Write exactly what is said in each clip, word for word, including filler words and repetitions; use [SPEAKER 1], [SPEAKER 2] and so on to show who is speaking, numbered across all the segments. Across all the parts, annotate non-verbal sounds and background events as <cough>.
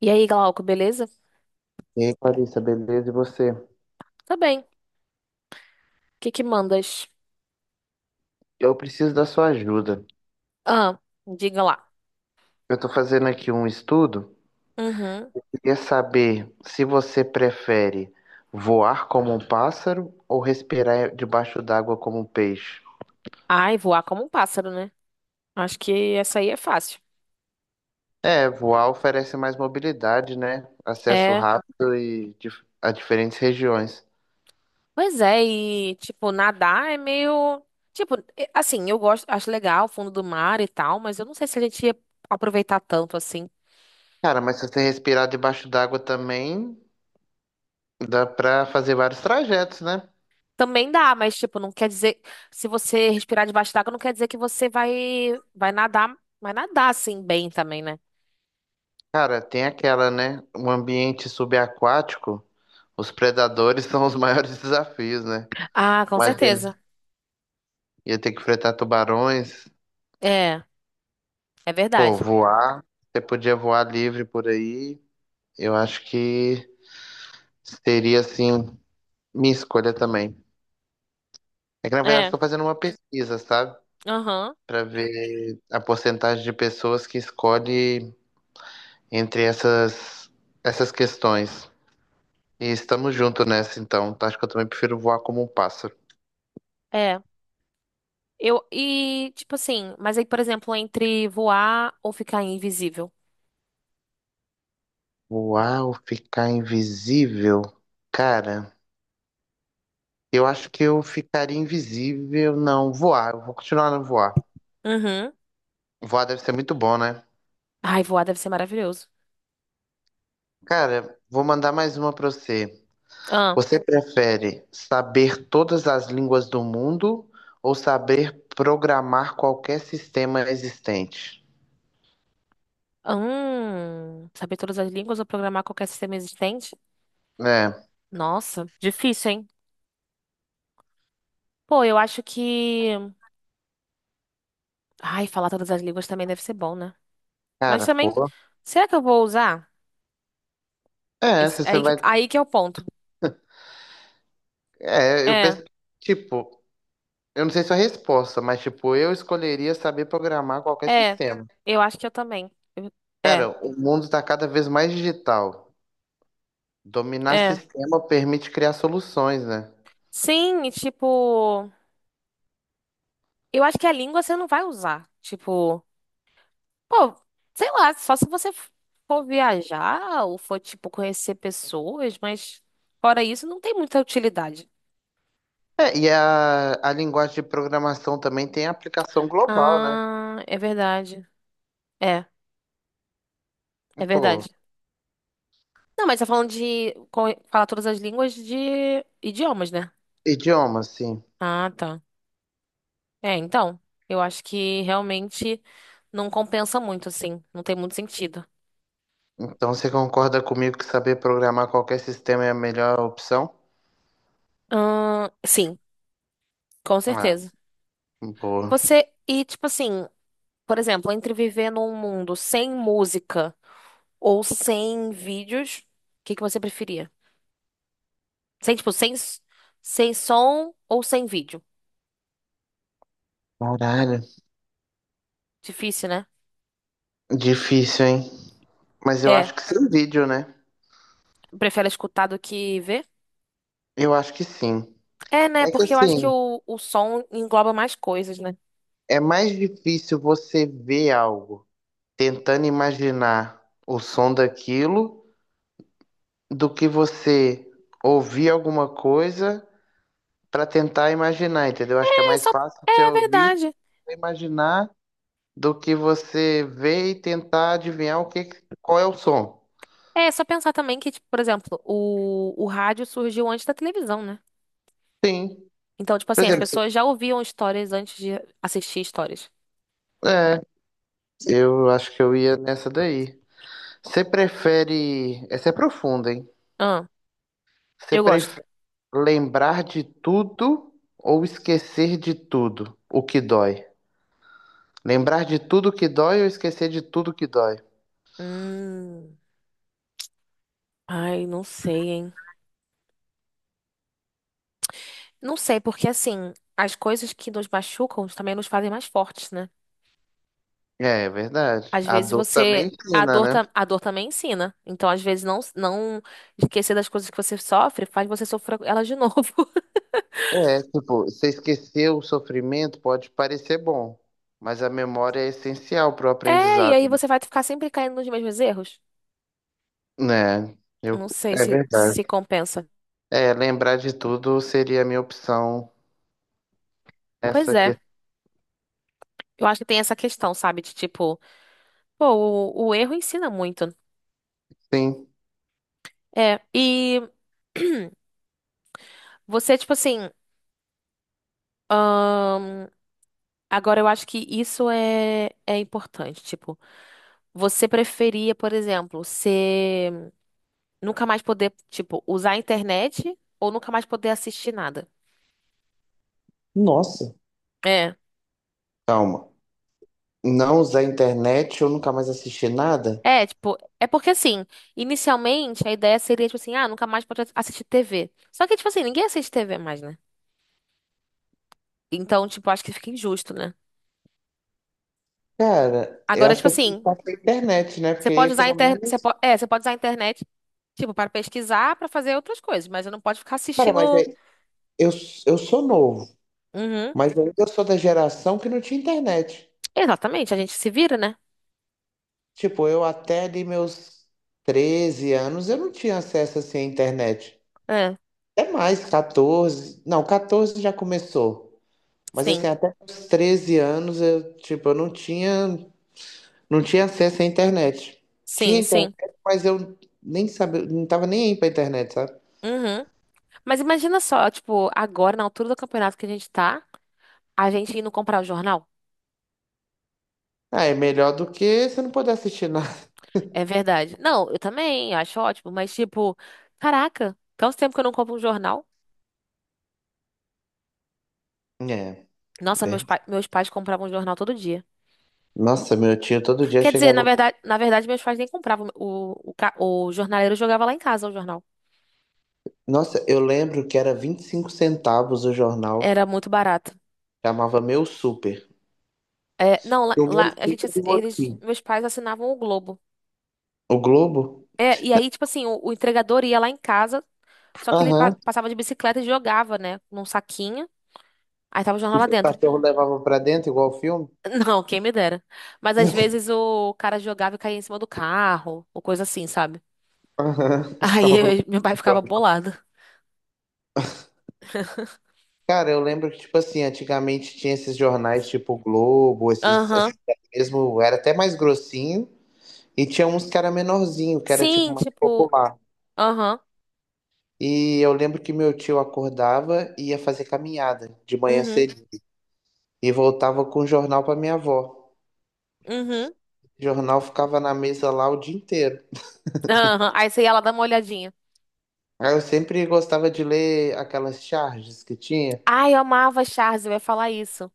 [SPEAKER 1] E aí, Glauco, beleza?
[SPEAKER 2] E aí, Clarissa, beleza? E você?
[SPEAKER 1] Tá bem. O que que mandas?
[SPEAKER 2] Eu preciso da sua ajuda.
[SPEAKER 1] Ah, diga lá.
[SPEAKER 2] Eu estou fazendo aqui um estudo.
[SPEAKER 1] Uhum.
[SPEAKER 2] Queria saber se você prefere voar como um pássaro ou respirar debaixo d'água como um peixe.
[SPEAKER 1] Ai, voar como um pássaro, né? Acho que essa aí é fácil.
[SPEAKER 2] É, voar oferece mais mobilidade, né? Acesso
[SPEAKER 1] É.
[SPEAKER 2] rápido e dif- a diferentes regiões.
[SPEAKER 1] Pois é, e tipo, nadar é meio. Tipo, e- assim, eu gosto, acho legal o fundo do mar e tal, mas eu não sei se a gente ia aproveitar tanto assim.
[SPEAKER 2] Cara, mas se você respirar debaixo d'água também, dá pra fazer vários trajetos, né?
[SPEAKER 1] Também dá, mas tipo, não quer dizer. Se você respirar debaixo d'água, não quer dizer que você vai, vai nadar, vai nadar assim bem também, né?
[SPEAKER 2] Cara, tem aquela, né? Um ambiente subaquático. Os predadores <laughs> são os maiores desafios, né?
[SPEAKER 1] Ah, com
[SPEAKER 2] Mas ele
[SPEAKER 1] certeza.
[SPEAKER 2] ia ter que enfrentar tubarões,
[SPEAKER 1] É, é
[SPEAKER 2] pô,
[SPEAKER 1] verdade.
[SPEAKER 2] voar. Você podia voar livre por aí. Eu acho que seria, assim, minha escolha também. É que, na verdade,
[SPEAKER 1] É,
[SPEAKER 2] estou fazendo uma pesquisa, sabe?
[SPEAKER 1] aham.
[SPEAKER 2] Para ver a porcentagem de pessoas que escolhe entre essas, essas questões. E estamos juntos nessa, então. Tá? Acho que eu também prefiro voar como um pássaro.
[SPEAKER 1] É. Eu, e, tipo assim, mas aí, por exemplo, entre voar ou ficar invisível.
[SPEAKER 2] Voar ou ficar invisível? Cara, eu acho que eu ficaria invisível. Não, voar. Eu vou continuar no voar.
[SPEAKER 1] Uhum.
[SPEAKER 2] Voar deve ser muito bom, né?
[SPEAKER 1] Ai, voar deve ser maravilhoso.
[SPEAKER 2] Cara, vou mandar mais uma pra você.
[SPEAKER 1] Ah,
[SPEAKER 2] Você prefere saber todas as línguas do mundo ou saber programar qualquer sistema existente?
[SPEAKER 1] hum, saber todas as línguas ou programar qualquer sistema existente?
[SPEAKER 2] É,
[SPEAKER 1] Nossa, difícil, hein? Pô, eu acho que. Ai, falar todas as línguas também deve ser bom, né? Mas
[SPEAKER 2] cara,
[SPEAKER 1] também,
[SPEAKER 2] pô.
[SPEAKER 1] será que eu vou usar?
[SPEAKER 2] É,
[SPEAKER 1] Esse-
[SPEAKER 2] se você
[SPEAKER 1] aí, que-
[SPEAKER 2] vai.
[SPEAKER 1] aí que é o ponto.
[SPEAKER 2] É, eu
[SPEAKER 1] É,
[SPEAKER 2] penso. Tipo, eu não sei sua resposta, mas, tipo, eu escolheria saber programar qualquer
[SPEAKER 1] é.
[SPEAKER 2] sistema.
[SPEAKER 1] Eu acho que eu também. Eu- É,
[SPEAKER 2] Cara, o mundo tá cada vez mais digital. Dominar
[SPEAKER 1] é.
[SPEAKER 2] sistema permite criar soluções, né?
[SPEAKER 1] Sim, e tipo. Eu acho que a língua você não vai usar. Tipo. Pô, sei lá, só se você for viajar ou for, tipo, conhecer pessoas, mas fora isso, não tem muita utilidade.
[SPEAKER 2] É, e a, a linguagem de programação também tem aplicação global, né?
[SPEAKER 1] Ah, é verdade. É, é
[SPEAKER 2] Pô,
[SPEAKER 1] verdade. Não, mas tá falando de co- falar todas as línguas de idiomas, né?
[SPEAKER 2] idioma, sim.
[SPEAKER 1] Ah, tá. É, então, eu acho que realmente não compensa muito, assim. Não tem muito sentido.
[SPEAKER 2] Então você concorda comigo que saber programar qualquer sistema é a melhor opção?
[SPEAKER 1] Ahn, sim, com
[SPEAKER 2] Ah,
[SPEAKER 1] certeza.
[SPEAKER 2] boa.
[SPEAKER 1] Você, e tipo assim, por exemplo, entre viver num mundo sem música. Ou sem vídeos, o que que você preferia? Sem, tipo, sem, s- sem som ou sem vídeo?
[SPEAKER 2] Caralho.
[SPEAKER 1] Difícil, né?
[SPEAKER 2] Difícil, hein? Mas eu
[SPEAKER 1] É.
[SPEAKER 2] acho que sem vídeo, né?
[SPEAKER 1] Prefere escutar do que ver?
[SPEAKER 2] Eu acho que sim.
[SPEAKER 1] É, né?
[SPEAKER 2] É que
[SPEAKER 1] Porque eu acho que
[SPEAKER 2] assim,
[SPEAKER 1] o, o som engloba mais coisas, né?
[SPEAKER 2] é mais difícil você ver algo tentando imaginar o som daquilo do que você ouvir alguma coisa para tentar imaginar, entendeu? Acho que é
[SPEAKER 1] É,
[SPEAKER 2] mais
[SPEAKER 1] só.
[SPEAKER 2] fácil você
[SPEAKER 1] É
[SPEAKER 2] ouvir
[SPEAKER 1] verdade.
[SPEAKER 2] e imaginar do que você ver e tentar adivinhar o que, qual é o som.
[SPEAKER 1] É, só pensar também que, tipo, por exemplo, o, o rádio surgiu antes da televisão, né?
[SPEAKER 2] Sim.
[SPEAKER 1] Então, tipo
[SPEAKER 2] Por
[SPEAKER 1] assim, as
[SPEAKER 2] exemplo, se-
[SPEAKER 1] pessoas já ouviam histórias antes de assistir histórias.
[SPEAKER 2] é, eu acho que eu ia nessa daí. Você prefere. Essa é profunda, hein?
[SPEAKER 1] Ah,
[SPEAKER 2] Você
[SPEAKER 1] eu gosto.
[SPEAKER 2] prefere lembrar de tudo ou esquecer de tudo o que dói? Lembrar de tudo que dói ou esquecer de tudo que dói?
[SPEAKER 1] Hum. Ai, não sei, hein? Não sei, porque assim, as coisas que nos machucam também nos fazem mais fortes, né?
[SPEAKER 2] É, é verdade.
[SPEAKER 1] Às
[SPEAKER 2] A
[SPEAKER 1] vezes
[SPEAKER 2] dor também
[SPEAKER 1] você. A
[SPEAKER 2] ensina,
[SPEAKER 1] dor,
[SPEAKER 2] né?
[SPEAKER 1] ta- a dor também ensina. Então, às vezes, não, não esquecer das coisas que você sofre faz você sofrer elas de novo. <laughs>
[SPEAKER 2] É, tipo, você esquecer o sofrimento pode parecer bom, mas a memória é essencial para o
[SPEAKER 1] É, e
[SPEAKER 2] aprendizado,
[SPEAKER 1] aí
[SPEAKER 2] né?
[SPEAKER 1] você vai ficar sempre caindo nos mesmos erros.
[SPEAKER 2] É, eu,
[SPEAKER 1] Não sei
[SPEAKER 2] é
[SPEAKER 1] se
[SPEAKER 2] verdade.
[SPEAKER 1] se compensa.
[SPEAKER 2] É, lembrar de tudo seria a minha opção
[SPEAKER 1] Pois
[SPEAKER 2] nessa
[SPEAKER 1] é,
[SPEAKER 2] questão.
[SPEAKER 1] eu acho que tem essa questão, sabe? De tipo, pô, o, o erro ensina muito.
[SPEAKER 2] Sim.
[SPEAKER 1] É, e <clears throat> você, tipo assim, ahn, agora eu acho que isso é, é importante. Tipo, você preferia, por exemplo, ser nunca mais poder, tipo, usar a internet ou nunca mais poder assistir nada?
[SPEAKER 2] Nossa,
[SPEAKER 1] É.
[SPEAKER 2] calma. Não usar internet, eu nunca mais assisti nada?
[SPEAKER 1] É, tipo, é porque assim, inicialmente a ideia seria, tipo assim, ah, nunca mais pode assistir T V. Só que, tipo assim, ninguém assiste T V mais, né? Então, tipo, acho que fica injusto, né?
[SPEAKER 2] Cara, eu
[SPEAKER 1] Agora,
[SPEAKER 2] acho que
[SPEAKER 1] tipo
[SPEAKER 2] eu preciso
[SPEAKER 1] assim,
[SPEAKER 2] ficar sem internet, né?
[SPEAKER 1] você
[SPEAKER 2] Porque aí,
[SPEAKER 1] pode usar a
[SPEAKER 2] pelo
[SPEAKER 1] internet, você
[SPEAKER 2] menos.
[SPEAKER 1] po- é, você pode usar a internet, tipo, para pesquisar, para fazer outras coisas, mas você não pode ficar
[SPEAKER 2] Cara, mas
[SPEAKER 1] assistindo.
[SPEAKER 2] é, eu, eu sou novo,
[SPEAKER 1] Uhum.
[SPEAKER 2] mas ainda eu sou da geração que não tinha internet.
[SPEAKER 1] Exatamente, a gente se vira, né?
[SPEAKER 2] Tipo, eu até ali meus treze anos, eu não tinha acesso assim à internet.
[SPEAKER 1] É,
[SPEAKER 2] Até mais, catorze? Não, catorze já começou. Mas assim,
[SPEAKER 1] sim,
[SPEAKER 2] até os treze anos, eu, tipo, eu não tinha, não tinha acesso à internet. Tinha
[SPEAKER 1] sim,
[SPEAKER 2] internet,
[SPEAKER 1] sim.
[SPEAKER 2] mas eu nem sabia, não tava nem aí pra internet, sabe?
[SPEAKER 1] Uhum. Mas imagina só, tipo, agora, na altura do campeonato que a gente tá, a gente indo comprar o jornal.
[SPEAKER 2] Ah, é melhor do que você não poder assistir nada. <laughs>
[SPEAKER 1] É verdade. Não, eu também acho ótimo, mas tipo, caraca, tanto tempo que eu não compro um jornal.
[SPEAKER 2] É,
[SPEAKER 1] Nossa,
[SPEAKER 2] ver-
[SPEAKER 1] meus, pa meus pais compravam um jornal todo dia.
[SPEAKER 2] nossa, meu tio todo dia
[SPEAKER 1] Quer dizer, na
[SPEAKER 2] chegava.
[SPEAKER 1] verdade, na verdade, meus pais nem compravam. O, o, ca- o jornaleiro jogava lá em casa o jornal.
[SPEAKER 2] Nossa, eu lembro que era vinte e cinco centavos o jornal,
[SPEAKER 1] Era muito barato.
[SPEAKER 2] chamava Meu Super.
[SPEAKER 1] É, não, lá,
[SPEAKER 2] O meu
[SPEAKER 1] lá a gente,
[SPEAKER 2] ticket
[SPEAKER 1] assi-
[SPEAKER 2] de
[SPEAKER 1] eles,
[SPEAKER 2] motim.
[SPEAKER 1] meus pais assinavam o Globo.
[SPEAKER 2] O Globo?
[SPEAKER 1] É, e aí, tipo assim, o, o entregador ia lá em casa, só que ele pa-
[SPEAKER 2] Aham.
[SPEAKER 1] passava de bicicleta e jogava, né, num saquinho. Aí tava o jornal
[SPEAKER 2] E
[SPEAKER 1] lá
[SPEAKER 2] o
[SPEAKER 1] dentro.
[SPEAKER 2] cachorro levava pra dentro, igual o filme?
[SPEAKER 1] <laughs> Não, quem me dera. Mas às vezes o cara jogava e caía em cima do carro, ou coisa assim, sabe?
[SPEAKER 2] Aham.
[SPEAKER 1] <laughs>
[SPEAKER 2] <laughs> Eu
[SPEAKER 1] Aí
[SPEAKER 2] ficava
[SPEAKER 1] eu- meu pai ficava
[SPEAKER 2] procurando.
[SPEAKER 1] bolado.
[SPEAKER 2] Cara, eu lembro que, tipo assim, antigamente tinha esses jornais tipo Globo, esses,
[SPEAKER 1] Aham.
[SPEAKER 2] esses mesmo, era até mais grossinho, e tinha uns que era menorzinho, que era tipo
[SPEAKER 1] Sim,
[SPEAKER 2] mais
[SPEAKER 1] tipo,
[SPEAKER 2] popular.
[SPEAKER 1] aham.
[SPEAKER 2] E eu lembro que meu tio acordava e ia fazer caminhada de manhã
[SPEAKER 1] Uhum.
[SPEAKER 2] cedo. E voltava com o jornal pra minha avó.
[SPEAKER 1] Uhum.
[SPEAKER 2] O jornal ficava na mesa lá o dia inteiro.
[SPEAKER 1] Aham. Aí você ia lá dar uma olhadinha.
[SPEAKER 2] Ah, eu sempre gostava de ler aquelas charges que tinha.
[SPEAKER 1] Ai, eu amava a Charge, eu ia falar isso.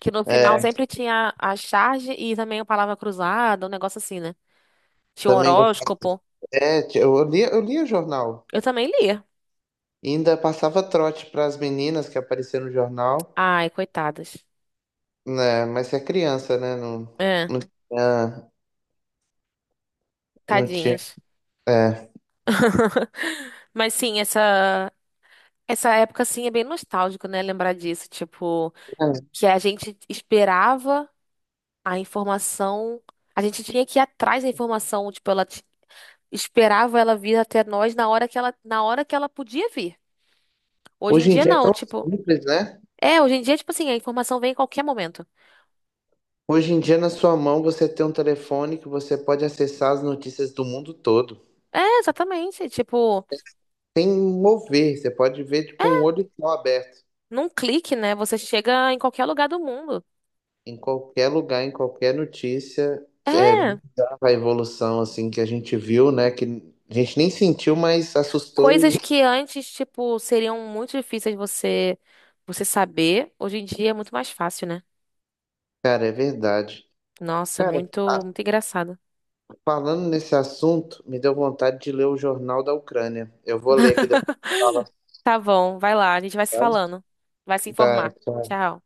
[SPEAKER 1] Que no final
[SPEAKER 2] É,
[SPEAKER 1] sempre tinha a charge e também a palavra cruzada, um negócio assim, né? Tinha um
[SPEAKER 2] também gostava.
[SPEAKER 1] horóscopo.
[SPEAKER 2] é, t- eu lia, eu lia jornal.
[SPEAKER 1] Eu também lia.
[SPEAKER 2] Ainda passava trote para as meninas que apareciam no jornal,
[SPEAKER 1] Ai, coitadas.
[SPEAKER 2] né? Mas você é criança, né? Não,
[SPEAKER 1] É,
[SPEAKER 2] não tinha, não tinha.
[SPEAKER 1] tadinhas.
[SPEAKER 2] É.
[SPEAKER 1] <laughs> Mas sim, essa. Essa época, assim, é bem nostálgico, né? Lembrar disso, tipo, que a gente esperava a informação, a gente tinha que ir atrás da informação, tipo, ela t- esperava ela vir até nós na hora que ela, na hora que ela podia vir. Hoje em
[SPEAKER 2] Hoje em
[SPEAKER 1] dia,
[SPEAKER 2] dia é
[SPEAKER 1] não,
[SPEAKER 2] tão
[SPEAKER 1] tipo,
[SPEAKER 2] simples, né?
[SPEAKER 1] é, hoje em dia, tipo assim, a informação vem em qualquer momento.
[SPEAKER 2] Hoje em dia, na sua mão, você tem um telefone que você pode acessar as notícias do mundo todo.
[SPEAKER 1] É, exatamente, tipo,
[SPEAKER 2] Sem mover, você pode ver com o olho só aberto.
[SPEAKER 1] num clique, né? Você chega em qualquer lugar do mundo.
[SPEAKER 2] Em qualquer lugar, em qualquer notícia, é
[SPEAKER 1] É,
[SPEAKER 2] bizarra a evolução assim que a gente viu, né? Que a gente nem sentiu, mas assustou
[SPEAKER 1] coisas
[SPEAKER 2] e,
[SPEAKER 1] que antes, tipo, seriam muito difíceis você, você saber, hoje em dia é muito mais fácil, né?
[SPEAKER 2] cara, é verdade.
[SPEAKER 1] Nossa,
[SPEAKER 2] Cara, a-
[SPEAKER 1] muito, muito engraçado.
[SPEAKER 2] falando nesse assunto, me deu vontade de ler o Jornal da Ucrânia. Eu vou ler aqui depois. Que Fala,
[SPEAKER 1] <laughs> Tá bom, vai lá, a gente vai se
[SPEAKER 2] tá?
[SPEAKER 1] falando. Vai se
[SPEAKER 2] Tá,
[SPEAKER 1] informar.
[SPEAKER 2] tchau,
[SPEAKER 1] Tchau.